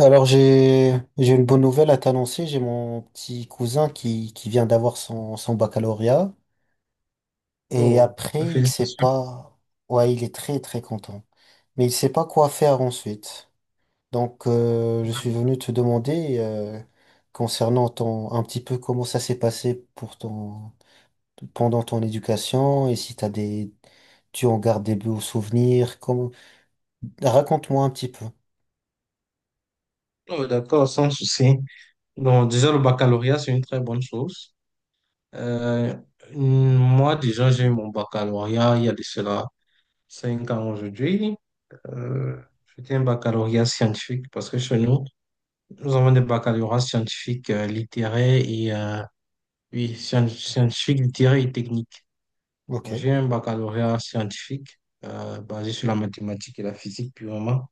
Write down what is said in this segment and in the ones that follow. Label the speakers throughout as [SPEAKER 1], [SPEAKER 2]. [SPEAKER 1] Alors j'ai une bonne nouvelle à t'annoncer. J'ai mon petit cousin qui vient d'avoir son baccalauréat et
[SPEAKER 2] Oh,
[SPEAKER 1] après il sait
[SPEAKER 2] félicitations.
[SPEAKER 1] pas. Ouais, il est très très content, mais il sait pas quoi faire ensuite. Donc je suis venu te demander concernant ton un petit peu comment ça s'est passé pour ton pendant ton éducation et si t'as des tu en gardes des beaux souvenirs. Comment... Raconte-moi un petit peu.
[SPEAKER 2] Oh, d'accord, sans souci. Donc, déjà, le baccalauréat, c'est une très bonne chose. Euh, moi, déjà, j'ai eu mon baccalauréat il y a de cela 5 ans aujourd'hui. Euh, c'était un baccalauréat scientifique parce que chez nous, nous avons des baccalauréats scientifiques, littéraires et oui, scientifiques, littéraires et techniques.
[SPEAKER 1] Ok.
[SPEAKER 2] Donc, j'ai un baccalauréat scientifique basé sur la mathématique et la physique purement.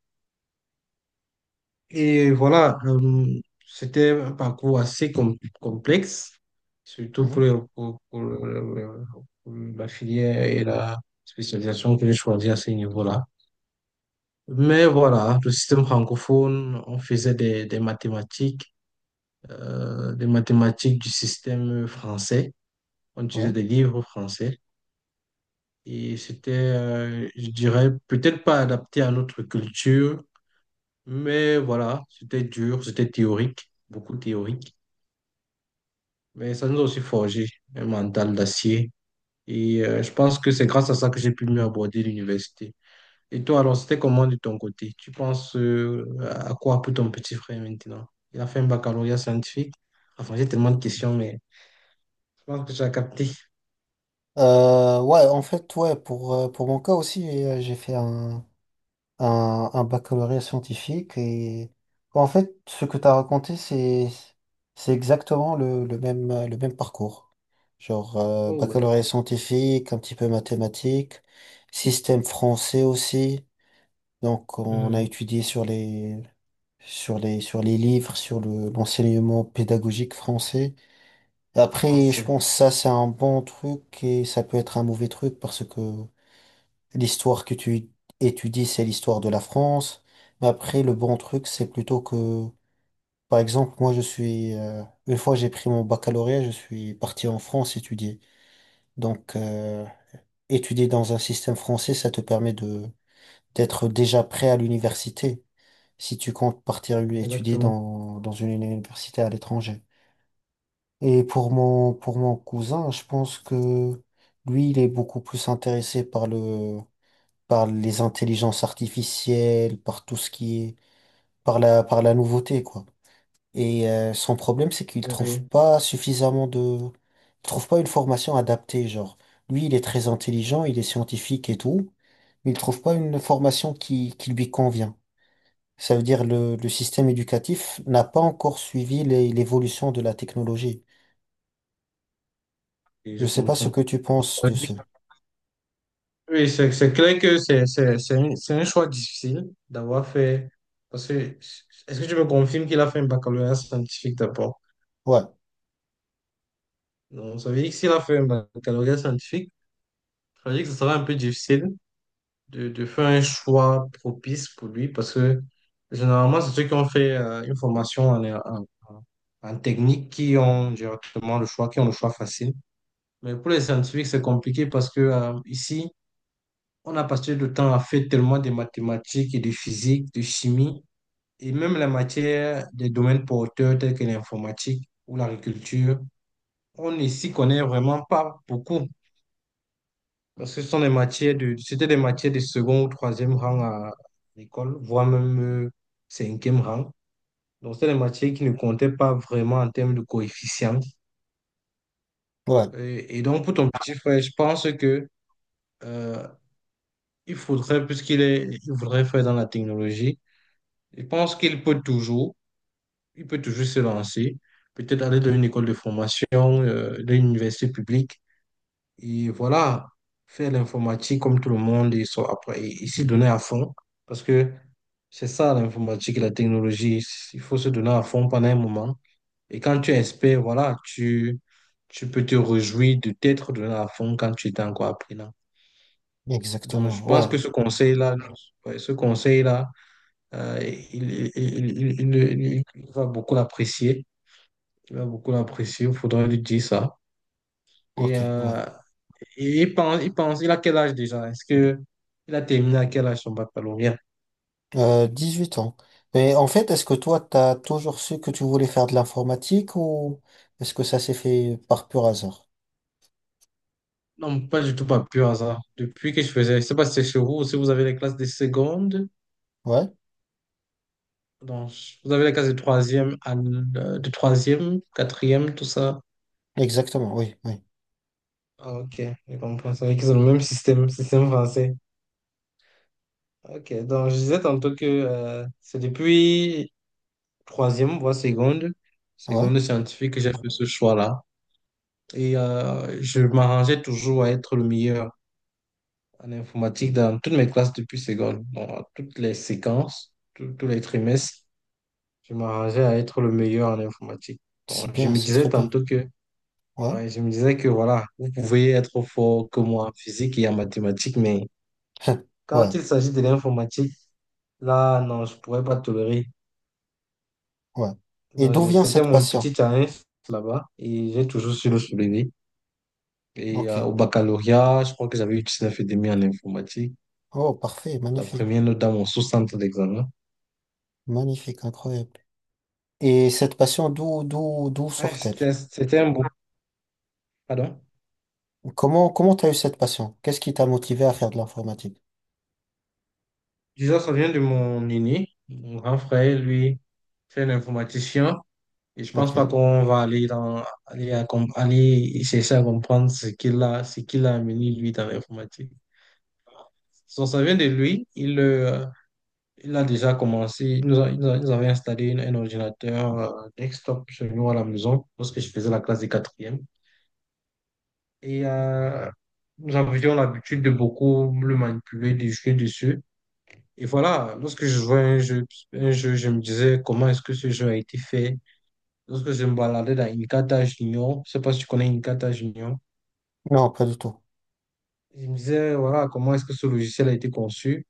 [SPEAKER 2] Et voilà, c'était un parcours assez complexe, surtout pour,
[SPEAKER 1] Mhm.
[SPEAKER 2] le- pour le- pour la filière et la spécialisation que j'ai choisie à ce niveau-là. Mais voilà, le système francophone, on faisait des mathématiques, des mathématiques du système français. On utilisait
[SPEAKER 1] Ouais.
[SPEAKER 2] des livres français. Et c'était, je dirais, peut-être pas adapté à notre culture, mais voilà, c'était dur, c'était théorique, beaucoup théorique. Mais ça nous a aussi forgé un mental d'acier. Et je pense que c'est grâce à ça que j'ai pu mieux aborder l'université. Et toi, alors, c'était comment de ton côté? Tu penses à quoi pour ton petit frère maintenant? Il a fait un baccalauréat scientifique. Enfin, j'ai tellement de questions, mais je pense que tu as capté.
[SPEAKER 1] Ouais, en fait, pour mon cas aussi, j'ai fait un baccalauréat scientifique et en fait, ce que tu as raconté, c'est exactement le même parcours. Genre,
[SPEAKER 2] Oh,
[SPEAKER 1] baccalauréat
[SPEAKER 2] d'accord.
[SPEAKER 1] scientifique, un petit peu mathématiques, système français aussi. Donc, on a
[SPEAKER 2] Mhm.
[SPEAKER 1] étudié sur sur les livres, l'enseignement pédagogique français.
[SPEAKER 2] On
[SPEAKER 1] Après, je
[SPEAKER 2] sait.
[SPEAKER 1] pense que ça, c'est un bon truc et ça peut être un mauvais truc parce que l'histoire que tu étudies, c'est l'histoire de la France. Mais après, le bon truc, c'est plutôt que, par exemple, moi, je suis, une fois j'ai pris mon baccalauréat, je suis parti en France étudier. Donc, étudier dans un système français, ça te permet d'être déjà prêt à l'université si tu comptes partir étudier
[SPEAKER 2] Exactement.
[SPEAKER 1] dans une université à l'étranger. Et pour pour mon cousin, je pense que lui, il est beaucoup plus intéressé par par les intelligences artificielles, par tout ce qui est, par par la nouveauté, quoi. Et son problème, c'est qu'il
[SPEAKER 2] Oui,
[SPEAKER 1] trouve
[SPEAKER 2] oui.
[SPEAKER 1] pas suffisamment de, il trouve pas une formation adaptée, genre. Lui, il est très intelligent, il est scientifique et tout, mais il trouve pas une formation qui lui convient. Ça veut dire le système éducatif n'a pas encore suivi les- l'évolution de la technologie.
[SPEAKER 2] Et
[SPEAKER 1] Je
[SPEAKER 2] je
[SPEAKER 1] sais pas ce
[SPEAKER 2] comprends.
[SPEAKER 1] que tu penses de ce.
[SPEAKER 2] Oui, c'est clair que c'est un choix difficile d'avoir fait. Parce que, est-ce que tu me confirmes qu'il a fait un baccalauréat scientifique d'abord?
[SPEAKER 1] Ouais,
[SPEAKER 2] Donc, ça veut dire que s'il a fait un baccalauréat scientifique, ça veut dire que ce sera un peu difficile de faire un choix propice pour lui parce que généralement, c'est ceux qui ont fait une formation en technique qui ont directement le choix, qui ont le choix facile. Mais pour les scientifiques, c'est compliqué parce que ici, on a passé le temps à faire tellement de mathématiques et de physique, de chimie et même la matière des domaines porteurs tels que l'informatique ou l'agriculture. On ne s'y connaît vraiment pas beaucoup. Parce que ce sont c'était des matières de second ou troisième rang à l'école, voire même euh, cinquième rang. Donc, c'était des matières qui ne comptaient pas vraiment en termes de coefficients.
[SPEAKER 1] ouais,
[SPEAKER 2] Et donc, pour ton petit frère, je pense que euh, il faudrait, puisqu'il est, il voudrait faire dans la technologie, je pense qu'il peut toujours, se lancer, peut-être aller dans une école de formation, dans une université publique. Et voilà, faire l'informatique comme tout le monde, ils sont après, ils s'y donner à fond. Parce que c'est ça l'informatique, et la technologie. Il faut se donner à fond pendant un moment. Et quand tu es expert, voilà, tu peux te réjouir de t'être donné à fond quand tu étais encore apprenant. Donc,
[SPEAKER 1] exactement.
[SPEAKER 2] je pense
[SPEAKER 1] Ouais,
[SPEAKER 2] que ce conseil-là, ouais, ce conseil-là, il va beaucoup l'apprécier. Il va beaucoup l'apprécier. Il faudra lui dire ça.
[SPEAKER 1] ok,
[SPEAKER 2] Et
[SPEAKER 1] ouais.
[SPEAKER 2] euh, il a quel âge déjà? Est-ce que il a terminé à quel âge son baccalauréat?
[SPEAKER 1] 8 ans. Et en fait, est-ce que toi, t'as toujours su que tu voulais faire de l'informatique ou est-ce que ça s'est fait par pur hasard?
[SPEAKER 2] Non, pas du tout, pas pur hasard. Depuis que je faisais, je sais pas si c'est chez vous, si vous avez les classes de seconde,
[SPEAKER 1] Ouais,
[SPEAKER 2] donc vous avez les classes de troisième, de troisième, quatrième, tout ça.
[SPEAKER 1] exactement, oui, oui.
[SPEAKER 2] Ah, ok, je comprends. C'est vrai qu'ils ont le même système, système français. Ok, donc je disais tantôt que c'est depuis troisième, voire seconde,
[SPEAKER 1] Ouais,
[SPEAKER 2] seconde scientifique que j'ai fait ce choix-là. Et je m'arrangeais toujours à être le meilleur en informatique dans toutes mes classes depuis seconde. Bon, à toutes les séquences, tous les trimestres, je m'arrangeais à être le meilleur en informatique. Bon,
[SPEAKER 1] c'est
[SPEAKER 2] je
[SPEAKER 1] bien,
[SPEAKER 2] me
[SPEAKER 1] c'est très
[SPEAKER 2] disais
[SPEAKER 1] bien.
[SPEAKER 2] tantôt que,
[SPEAKER 1] Ouais,
[SPEAKER 2] ouais, je me disais que voilà, vous pouvez être fort que moi en physique et en mathématiques, mais
[SPEAKER 1] ouais,
[SPEAKER 2] quand il s'agit de l'informatique, là, non, je pourrais pas tolérer.
[SPEAKER 1] ouais. Et
[SPEAKER 2] Donc,
[SPEAKER 1] d'où vient
[SPEAKER 2] c'était
[SPEAKER 1] cette
[SPEAKER 2] mon
[SPEAKER 1] passion?
[SPEAKER 2] petit challenge là-bas et j'ai toujours su le soulever. Et
[SPEAKER 1] Ok.
[SPEAKER 2] au baccalauréat, je crois que j'avais eu 19,5 en informatique,
[SPEAKER 1] Oh, parfait,
[SPEAKER 2] la
[SPEAKER 1] magnifique,
[SPEAKER 2] première note dans mon sous-centre d'examen.
[SPEAKER 1] magnifique, incroyable. Et cette passion, d'où
[SPEAKER 2] Ouais,
[SPEAKER 1] sort-elle?
[SPEAKER 2] c'était un bon. Pardon?
[SPEAKER 1] Comment, comment t'as eu cette passion? Qu'est-ce qui t'a motivé à faire de l'informatique?
[SPEAKER 2] Disons, ça vient de mon aîné, mon grand frère, lui, c'est un informaticien. Et je pense
[SPEAKER 1] Ok.
[SPEAKER 2] pas qu'on va aller essayer à comprendre ce qu'il a amené, lui, dans l'informatique. Donc, ça vient de lui. Il a déjà commencé. Il nous avait installé un ordinateur desktop chez nous à la maison lorsque je faisais la classe des quatrièmes. Et nous avions l'habitude de beaucoup le manipuler, de jouer dessus. Et voilà, lorsque je jouais à un jeu, je me disais comment est-ce que ce jeu a été fait. Lorsque je me baladais dans Inkata Junior, je sais pas si tu connais Inkata Junior,
[SPEAKER 1] Non, pas du tout.
[SPEAKER 2] je me disais, voilà, comment est-ce que ce logiciel a été conçu.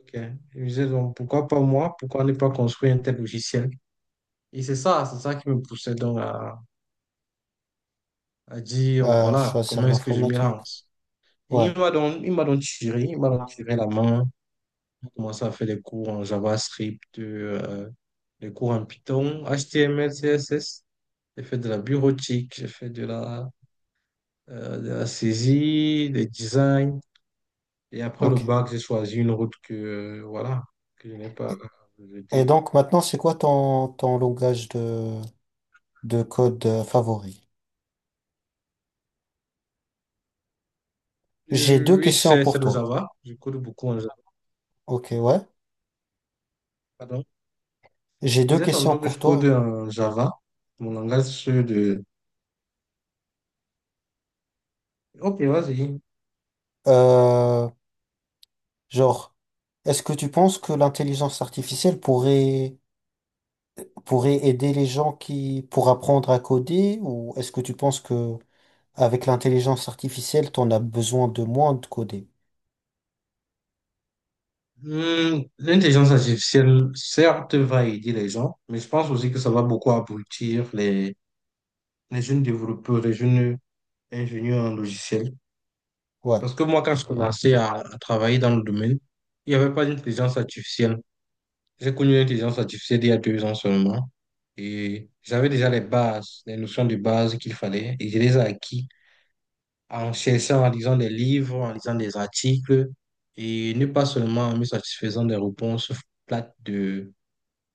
[SPEAKER 2] Ok. Je me disais, donc, pourquoi pas moi? Pourquoi ne pas construire un tel logiciel? Et c'est ça qui me poussait donc à dire, voilà,
[SPEAKER 1] Choisir
[SPEAKER 2] comment est-ce que je m'y
[SPEAKER 1] l'informatique.
[SPEAKER 2] lance. Et
[SPEAKER 1] Ouais,
[SPEAKER 2] il m'a donc tiré la main. J'ai commencé à faire des cours en JavaScript, des cours en Python, HTML, CSS. J'ai fait de la bureautique, j'ai fait de la saisie, des designs. Et après le
[SPEAKER 1] ok.
[SPEAKER 2] bac, j'ai choisi une route que, voilà, que je n'ai pas
[SPEAKER 1] Et, et
[SPEAKER 2] jetée.
[SPEAKER 1] donc maintenant, c'est quoi ton, ton langage de code favori? J'ai
[SPEAKER 2] Euh,
[SPEAKER 1] deux
[SPEAKER 2] Oui,
[SPEAKER 1] questions
[SPEAKER 2] c'est
[SPEAKER 1] pour
[SPEAKER 2] le
[SPEAKER 1] toi.
[SPEAKER 2] Java. Je code beaucoup en Java.
[SPEAKER 1] Ok, ouais.
[SPEAKER 2] Pardon.
[SPEAKER 1] J'ai
[SPEAKER 2] Il
[SPEAKER 1] deux
[SPEAKER 2] disait
[SPEAKER 1] questions
[SPEAKER 2] tantôt que
[SPEAKER 1] pour
[SPEAKER 2] je code
[SPEAKER 1] toi.
[SPEAKER 2] en Java, mon langage de. Ok, vas-y.
[SPEAKER 1] Euh, genre, est-ce que tu penses que l'intelligence artificielle pourrait, pourrait aider les gens qui, pour apprendre à coder, ou est-ce que tu penses que avec l'intelligence artificielle, t'en as besoin de moins de coder?
[SPEAKER 2] L'intelligence artificielle, certes, va aider les gens, mais je pense aussi que ça va beaucoup abrutir les jeunes développeurs, les jeunes ingénieurs en logiciel.
[SPEAKER 1] Ouais,
[SPEAKER 2] Parce que moi, quand je commençais à travailler dans le domaine, il n'y avait pas d'intelligence artificielle. J'ai connu l'intelligence artificielle il y a 2 ans seulement. Et j'avais déjà les bases, les notions de base qu'il fallait. Et je les ai acquis en cherchant, en lisant des livres, en lisant des articles. Et ne pas seulement en me satisfaisant des réponses plates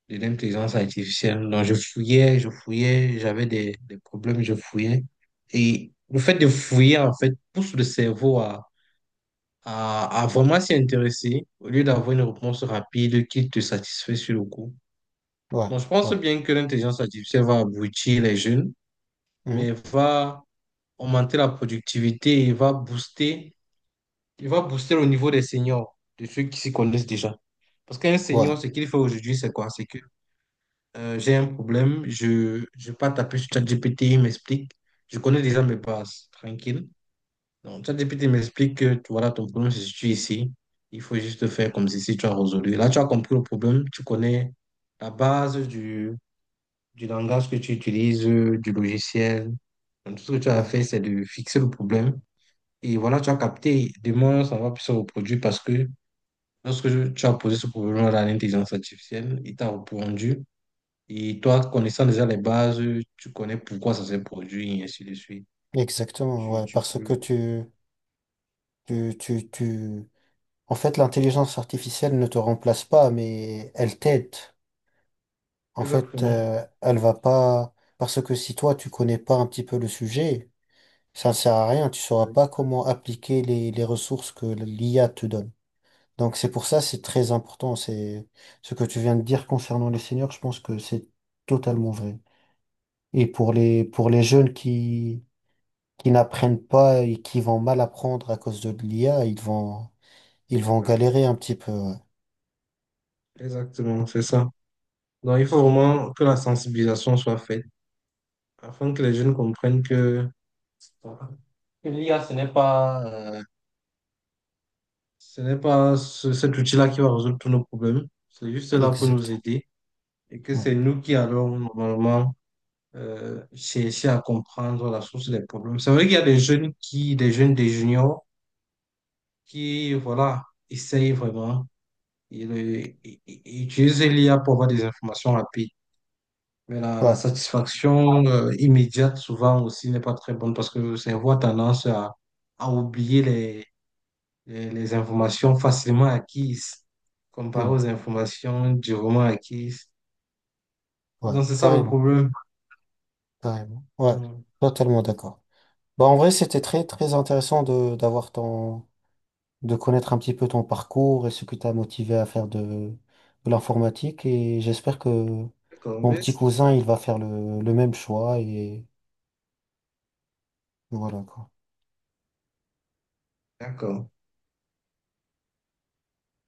[SPEAKER 2] de l'intelligence artificielle. Donc, je fouillais, j'avais des problèmes, je fouillais. Et le fait de fouiller, en fait, pousse le cerveau à vraiment s'y intéresser au lieu d'avoir une réponse rapide qui te satisfait sur le coup.
[SPEAKER 1] ouais,
[SPEAKER 2] Bon, je pense
[SPEAKER 1] ouais.
[SPEAKER 2] bien que l'intelligence artificielle va aboutir les jeunes,
[SPEAKER 1] Mhm,
[SPEAKER 2] mais va augmenter la productivité et il va booster le niveau des seniors, de ceux qui s'y connaissent déjà. Parce qu'un
[SPEAKER 1] ouais.
[SPEAKER 2] senior, ce qu'il fait aujourd'hui, c'est quoi? C'est que j'ai un problème, je ne vais pas taper sur ChatGPT, il m'explique. Je connais déjà mes bases, tranquille. Donc, ChatGPT m'explique que voilà, ton problème se situe ici. Il faut juste faire comme si tu as résolu. Là, tu as compris le problème, tu connais la base du langage que tu utilises, du logiciel. Donc, tout ce que tu as
[SPEAKER 1] Ouais,
[SPEAKER 2] fait, c'est de fixer le problème. Et voilà, tu as capté. Demain, ça va plus se reproduire parce que lorsque tu as posé ce problème à l'intelligence artificielle, il t'a répondu. Et toi, connaissant déjà les bases, tu connais pourquoi ça s'est produit, et ainsi de suite.
[SPEAKER 1] exactement,
[SPEAKER 2] Tu,
[SPEAKER 1] ouais,
[SPEAKER 2] tu
[SPEAKER 1] parce que
[SPEAKER 2] peux.
[SPEAKER 1] tu... En fait, l'intelligence artificielle ne te remplace pas, mais elle t'aide. En fait,
[SPEAKER 2] Exactement.
[SPEAKER 1] elle va pas... Parce que si toi, tu connais pas un petit peu le sujet, ça ne sert à rien, tu sauras
[SPEAKER 2] Oui.
[SPEAKER 1] pas comment appliquer les ressources que l'IA te donne. Donc c'est pour ça, c'est très important, c'est ce que tu viens de dire concernant les seniors, je pense que c'est totalement vrai. Et pour pour les jeunes qui n'apprennent pas et qui vont mal apprendre à cause de l'IA, ils vont galérer un petit peu. Ouais.
[SPEAKER 2] Exactement, c'est ça. Donc, il faut vraiment que la sensibilisation soit faite afin que les jeunes comprennent que, voilà, que l'IA, ce n'est pas cet outil-là qui va résoudre tous nos problèmes. C'est juste là pour
[SPEAKER 1] Exact.
[SPEAKER 2] nous aider et que
[SPEAKER 1] Ouais.
[SPEAKER 2] c'est nous qui allons normalement chercher à comprendre la source des problèmes. C'est vrai qu'il y a des jeunes qui, des jeunes, des juniors qui, voilà, essayent vraiment. Ils utilisent l'IA pour avoir des informations rapides. Mais la
[SPEAKER 1] Ouais.
[SPEAKER 2] satisfaction immédiate, souvent aussi, n'est pas très bonne parce que le cerveau a tendance à oublier les informations facilement acquises, comparé
[SPEAKER 1] Mm.
[SPEAKER 2] aux informations durement acquises.
[SPEAKER 1] Ouais.
[SPEAKER 2] Donc, c'est ça le
[SPEAKER 1] Carrément.
[SPEAKER 2] problème.
[SPEAKER 1] Carrément. Ouais.
[SPEAKER 2] Hmm.
[SPEAKER 1] Totalement d'accord. Bah, en vrai, c'était très, très intéressant d'avoir ton, de connaître un petit peu ton parcours et ce qui t'a motivé à faire de l'informatique. Et j'espère que
[SPEAKER 2] D'accord,
[SPEAKER 1] mon petit
[SPEAKER 2] merci.
[SPEAKER 1] cousin, il va faire le même choix et voilà, quoi.
[SPEAKER 2] D'accord.